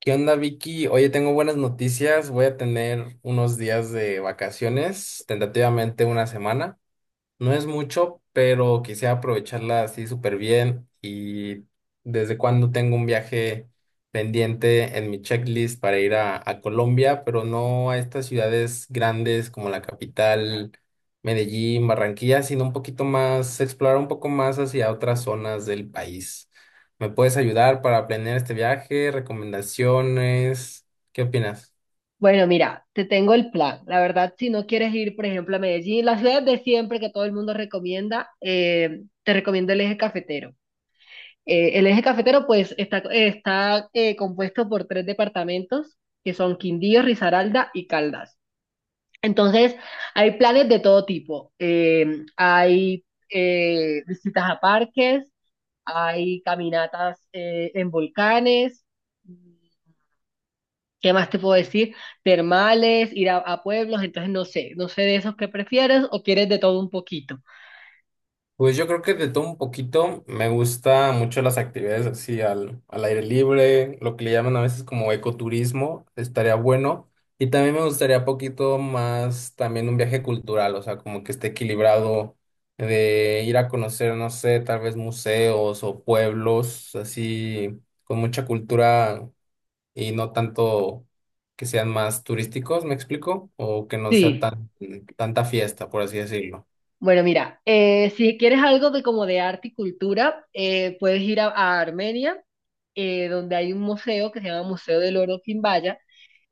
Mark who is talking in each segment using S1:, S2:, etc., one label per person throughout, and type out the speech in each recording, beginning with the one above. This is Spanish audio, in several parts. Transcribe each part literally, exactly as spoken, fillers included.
S1: ¿Qué onda, Vicky? Oye, tengo buenas noticias. Voy a tener unos días de vacaciones, tentativamente una semana. No es mucho, pero quisiera aprovecharla así súper bien y desde cuando tengo un viaje pendiente en mi checklist para ir a, a Colombia, pero no a estas ciudades grandes como la capital, Medellín, Barranquilla, sino un poquito más, explorar un poco más hacia otras zonas del país. ¿Me puedes ayudar para planear este viaje? ¿Recomendaciones? ¿Qué opinas?
S2: Bueno, mira, te tengo el plan. La verdad, si no quieres ir, por ejemplo, a Medellín, las ciudades de siempre que todo el mundo recomienda, eh, te recomiendo el eje cafetero. Eh, el eje cafetero, pues, está, está eh, compuesto por tres departamentos, que son Quindío, Risaralda y Caldas. Entonces, hay planes de todo tipo. Eh, hay eh, visitas a parques, hay caminatas eh, en volcanes. ¿Qué más te puedo decir? Termales, ir a, a pueblos, entonces no sé, no sé de esos que prefieres o quieres de todo un poquito.
S1: Pues yo creo que de todo un poquito me gusta mucho las actividades así al, al aire libre, lo que le llaman a veces como ecoturismo, estaría bueno. Y también me gustaría poquito más también un viaje cultural, o sea, como que esté equilibrado de ir a conocer, no sé, tal vez museos o pueblos así con mucha cultura y no tanto que sean más turísticos, ¿me explico? O que no sea
S2: Sí,
S1: tan tanta fiesta, por así decirlo.
S2: bueno, mira, eh, si quieres algo de como de arte y cultura, eh, puedes ir a, a Armenia, eh, donde hay un museo que se llama Museo del Oro Quimbaya,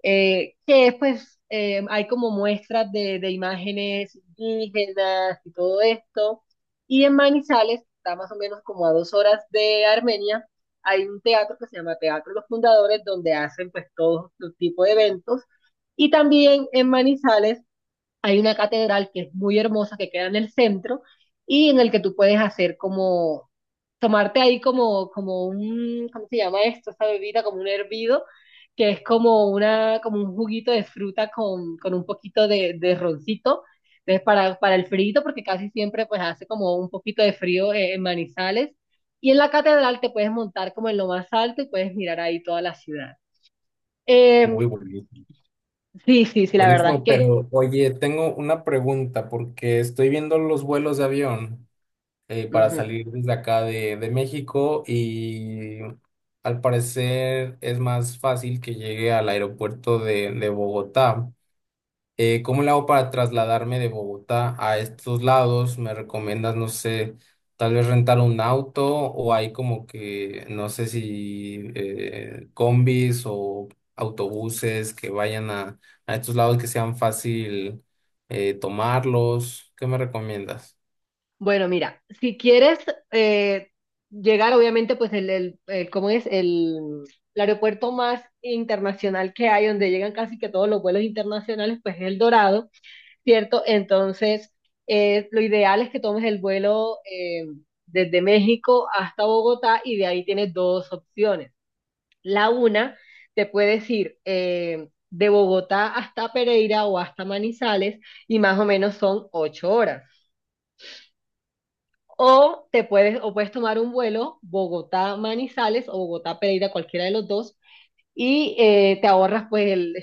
S2: eh, que es, pues eh, hay como muestras de, de imágenes indígenas y todo esto. Y en Manizales, que está más o menos como a dos horas de Armenia, hay un teatro que se llama Teatro Los Fundadores, donde hacen pues todo este tipo de eventos. Y también en Manizales hay una catedral que es muy hermosa, que queda en el centro, y en el que tú puedes hacer como tomarte ahí como, como un, ¿cómo se llama esto? Esta bebida, como un hervido, que es como una, como un juguito de fruta con, con un poquito de, de roncito. Entonces, para, para el frío, porque casi siempre pues hace como un poquito de frío eh, en Manizales. Y en la catedral te puedes montar como en lo más alto y puedes mirar ahí toda la ciudad. Eh,
S1: Muy bueno.
S2: sí, sí, sí, la verdad es
S1: Buenísimo,
S2: que...
S1: pero oye, tengo una pregunta porque estoy viendo los vuelos de avión eh, para
S2: Ujú.
S1: salir desde acá de, de México y al parecer es más fácil que llegue al aeropuerto de, de Bogotá. Eh, ¿cómo le hago para trasladarme de Bogotá a estos lados? ¿Me recomiendas, no sé, tal vez rentar un auto o hay como que, no sé si eh, combis o autobuses que vayan a, a estos lados que sean fácil eh, tomarlos? ¿Qué me recomiendas?
S2: Bueno, mira, si quieres eh, llegar, obviamente, pues el, el, el- ¿cómo es? El, el aeropuerto más internacional que hay, donde llegan casi que todos los vuelos internacionales, pues es El Dorado, ¿cierto? Entonces, eh, lo ideal es que tomes el vuelo eh, desde México hasta Bogotá y de ahí tienes dos opciones. La una, te puedes ir eh, de Bogotá hasta Pereira o hasta Manizales y más o menos son ocho horas. O te puedes, o puedes tomar un vuelo Bogotá-Manizales o Bogotá-Pereira, cualquiera de los dos, y eh, te ahorras pues el,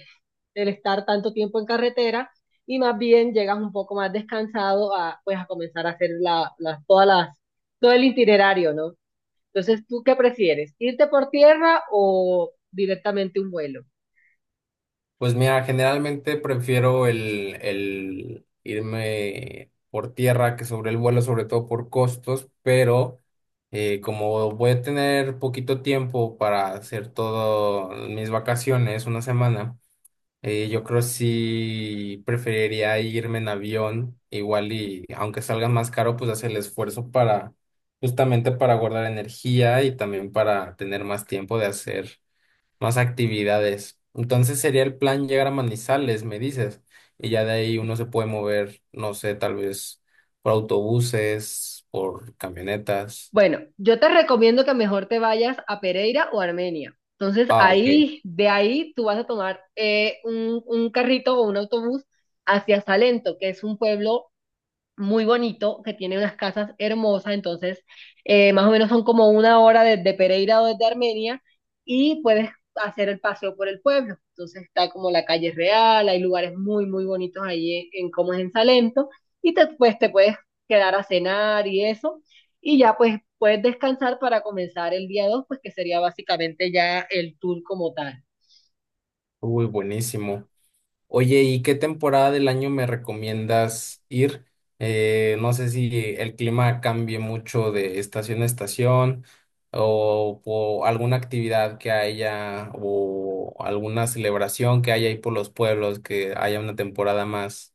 S2: el estar tanto tiempo en carretera y más bien llegas un poco más descansado a pues a comenzar a hacer la, las, todas las, todo el itinerario, ¿no? Entonces, ¿tú qué prefieres? ¿Irte por tierra o directamente un vuelo?
S1: Pues mira, generalmente prefiero el, el irme por tierra que sobre el vuelo, sobre todo por costos, pero eh, como voy a tener poquito tiempo para hacer todas mis vacaciones, una semana, eh, yo creo sí preferiría irme en avión, igual y aunque salga más caro, pues hacer el esfuerzo para, justamente para guardar energía y también para tener más tiempo de hacer más actividades. Entonces sería el plan llegar a Manizales, me dices, y ya de ahí uno se puede mover, no sé, tal vez por autobuses, por camionetas.
S2: Bueno, yo te recomiendo que mejor te vayas a Pereira o Armenia. Entonces,
S1: Ah, ok.
S2: ahí, de ahí tú vas a tomar eh, un, un carrito o un autobús hacia Salento, que es un pueblo muy bonito, que tiene unas casas hermosas, entonces eh, más o menos son como una hora desde Pereira o desde Armenia y puedes hacer el paseo por el pueblo. Entonces está como la calle real, hay lugares muy, muy bonitos ahí en, en como es en Salento y te, pues, te puedes quedar a cenar y eso y ya pues puedes descansar para comenzar el día dos pues que sería básicamente ya el tour como tal.
S1: Uy, buenísimo. Oye, ¿y qué temporada del año me recomiendas ir? Eh, no sé si el clima cambie mucho de estación a estación o, o alguna actividad que haya o alguna celebración que haya ahí por los pueblos, que haya una temporada más,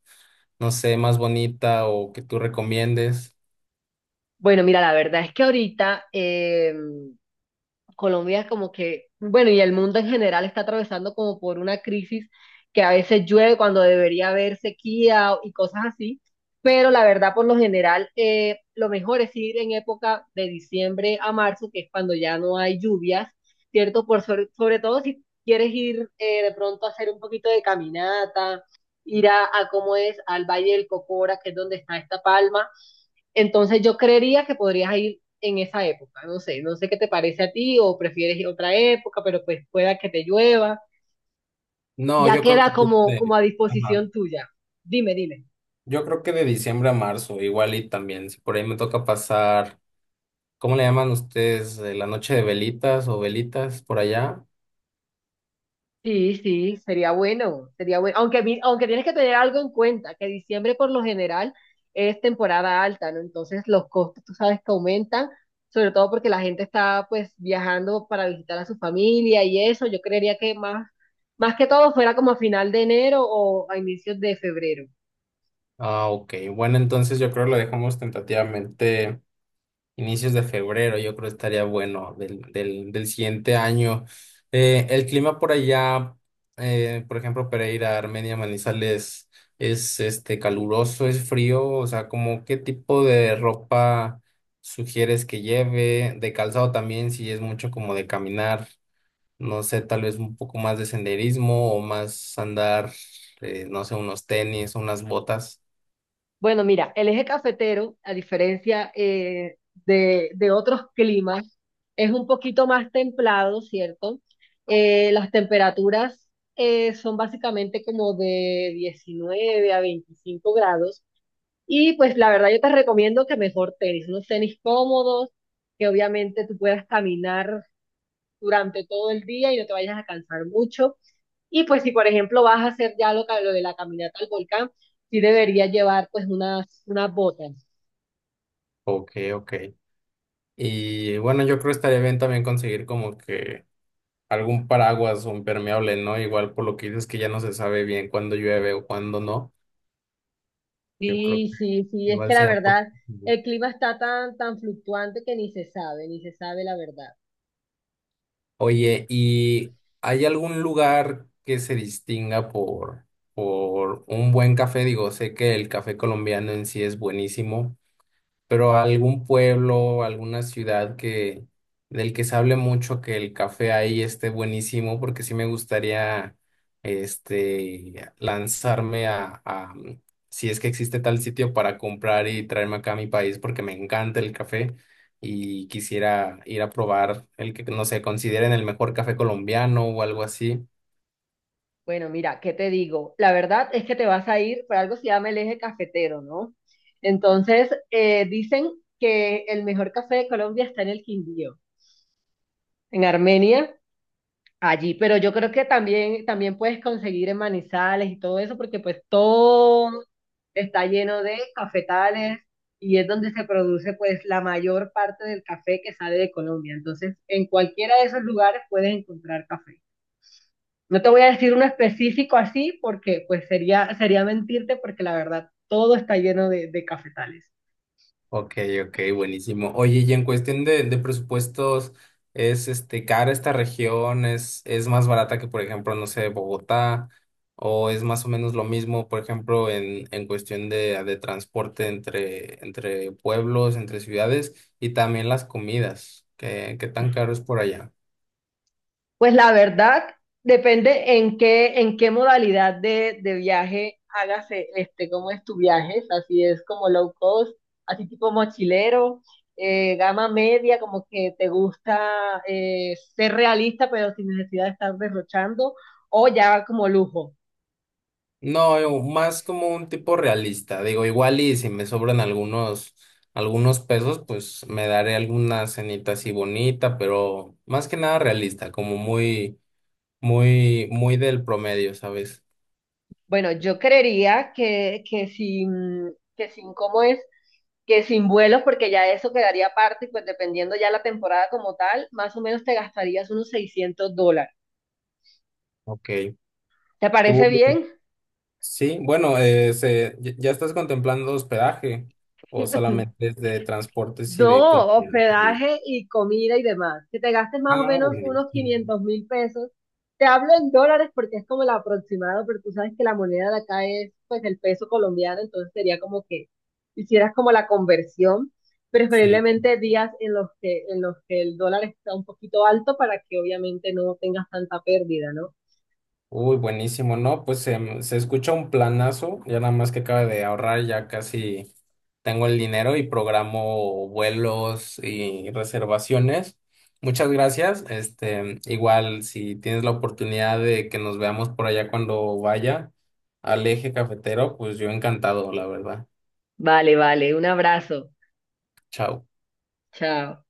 S1: no sé, más bonita o que tú recomiendes.
S2: Bueno, mira, la verdad es que ahorita... Eh, Colombia como que, bueno, y el mundo en general está atravesando como por una crisis que a veces llueve cuando debería haber sequía y cosas así, pero la verdad por lo general eh, lo mejor es ir en época de diciembre a marzo, que es cuando ya no hay lluvias, ¿cierto? Por sobre, sobre todo si quieres ir eh, de pronto a hacer un poquito de caminata, ir a, a cómo es, al Valle del Cocora, que es donde está esta palma. Entonces yo creería que podrías ir en esa época, no sé, no sé qué te parece a ti o prefieres ir a otra época, pero pues pueda que te llueva,
S1: No,
S2: ya
S1: yo creo
S2: queda
S1: que tú
S2: como, como
S1: de-
S2: a
S1: ajá.
S2: disposición tuya. Dime, dime.
S1: Yo creo que de diciembre a marzo, igual y también, si por ahí me toca pasar. ¿Cómo le llaman ustedes? eh, ¿La noche de velitas o velitas por allá?
S2: Sí, sí, sería bueno, sería bueno. Aunque, mi- aunque tienes que tener algo en cuenta, que diciembre por lo general es temporada alta, ¿no? Entonces los costos, tú sabes que aumentan, sobre todo porque la gente está pues viajando para visitar a su familia y eso. Yo creería que más, más que todo fuera como a final de enero o a inicios de febrero.
S1: Ah, ok. Bueno, entonces yo creo lo dejamos tentativamente inicios de febrero. Yo creo estaría bueno del, del, del siguiente año. Eh, el clima por allá, eh, por ejemplo, Pereira, Armenia, Manizales, es este caluroso, es frío. O sea, como qué tipo de ropa sugieres que lleve, de calzado también, si es mucho como de caminar. No sé, tal vez un poco más de senderismo o más andar, eh, no sé, unos tenis, unas botas.
S2: Bueno, mira, el eje cafetero, a diferencia eh, de, de otros climas, es un poquito más templado, ¿cierto? Eh, las temperaturas eh, son básicamente como de diecinueve a veinticinco grados. Y pues la verdad yo te recomiendo que mejor tenis, unos tenis cómodos, que obviamente tú puedas caminar durante todo el día y no te vayas a cansar mucho. Y pues si por ejemplo vas a hacer ya lo, ca- lo de la caminata al volcán, sí deberías llevar pues unas, unas botas.
S1: Ok, ok. Y bueno, yo creo que estaría bien también conseguir como que algún paraguas o impermeable, ¿no? Igual por lo que dices que ya no se sabe bien cuándo llueve o cuándo no. Yo creo que
S2: Sí, sí, sí, es que
S1: igual
S2: la
S1: sea
S2: verdad,
S1: positivo.
S2: el clima está tan, tan fluctuante que ni se sabe, ni se sabe la verdad.
S1: Oye, ¿y hay algún lugar que se distinga por, por un buen café? Digo, sé que el café colombiano en sí es buenísimo pero algún pueblo, alguna ciudad que del que se hable mucho que el café ahí esté buenísimo, porque sí me gustaría este lanzarme a, a, mm, si es que existe tal sitio para comprar y traerme acá a mi país, porque me encanta el café y quisiera ir a probar el que no sé, consideren el mejor café colombiano o algo así.
S2: Bueno, mira, ¿qué te digo? La verdad es que te vas a ir, por algo se llama el eje cafetero, ¿no? Entonces, eh, dicen que el mejor café de Colombia está en el Quindío, en Armenia, allí, pero yo creo que también, también puedes conseguir en Manizales y todo eso, porque pues todo está lleno de cafetales y es donde se produce pues la mayor parte del café que sale de Colombia. Entonces, en cualquiera de esos lugares puedes encontrar café. No te voy a decir uno específico así, porque pues sería, sería mentirte, porque la verdad todo está lleno de, de cafetales.
S1: Ok, ok, buenísimo. Oye, y en cuestión de, de presupuestos, ¿es este cara esta región? ¿Es, es más barata que, por ejemplo, no sé, Bogotá? ¿O es más o menos lo mismo, por ejemplo, en, en cuestión de, de transporte entre, entre pueblos, entre ciudades y también las comidas? ¿Qué, qué tan caro es por allá?
S2: Pues la verdad, depende en qué, en qué modalidad de, de viaje hagas eh, este, cómo es tu viaje, así es como low cost, así tipo mochilero, eh, gama media, como que te gusta eh, ser realista, pero sin necesidad de estar derrochando, o ya como lujo.
S1: No, yo más como un tipo realista. Digo, igual y si me sobran algunos, algunos pesos, pues me daré alguna cenita así bonita, pero más que nada realista, como muy, muy, muy del promedio, ¿sabes?
S2: Bueno, yo creería que, que sin, que sin cómo es, que sin vuelos, porque ya eso quedaría aparte, y pues dependiendo ya la temporada como tal, más o menos te gastarías unos seiscientos dólares.
S1: Ok.
S2: ¿Te
S1: Tú,
S2: parece bien?
S1: sí, bueno, eh, se- ¿ya ya estás contemplando hospedaje o solamente es de transportes y de
S2: No,
S1: comida?
S2: hospedaje y comida y demás. Que te gastes más o
S1: Ah,
S2: menos unos
S1: buenísimo.
S2: quinientos mil pesos. Te hablo en dólares porque es como el aproximado, pero tú sabes que la moneda de acá es pues el peso colombiano, entonces sería como que hicieras como la conversión,
S1: Sí.
S2: preferiblemente días en los que, en los que el dólar está un poquito alto para que obviamente no tengas tanta pérdida, ¿no?
S1: Uy, buenísimo, ¿no? Pues se, mm, se escucha un planazo, ya nada más que acaba de ahorrar, ya casi tengo el dinero y programo vuelos y reservaciones. Muchas gracias. Este, igual si tienes la oportunidad de que nos veamos por allá cuando vaya al eje cafetero, pues yo encantado, la verdad.
S2: Vale, vale, un abrazo.
S1: Chao.
S2: Chao.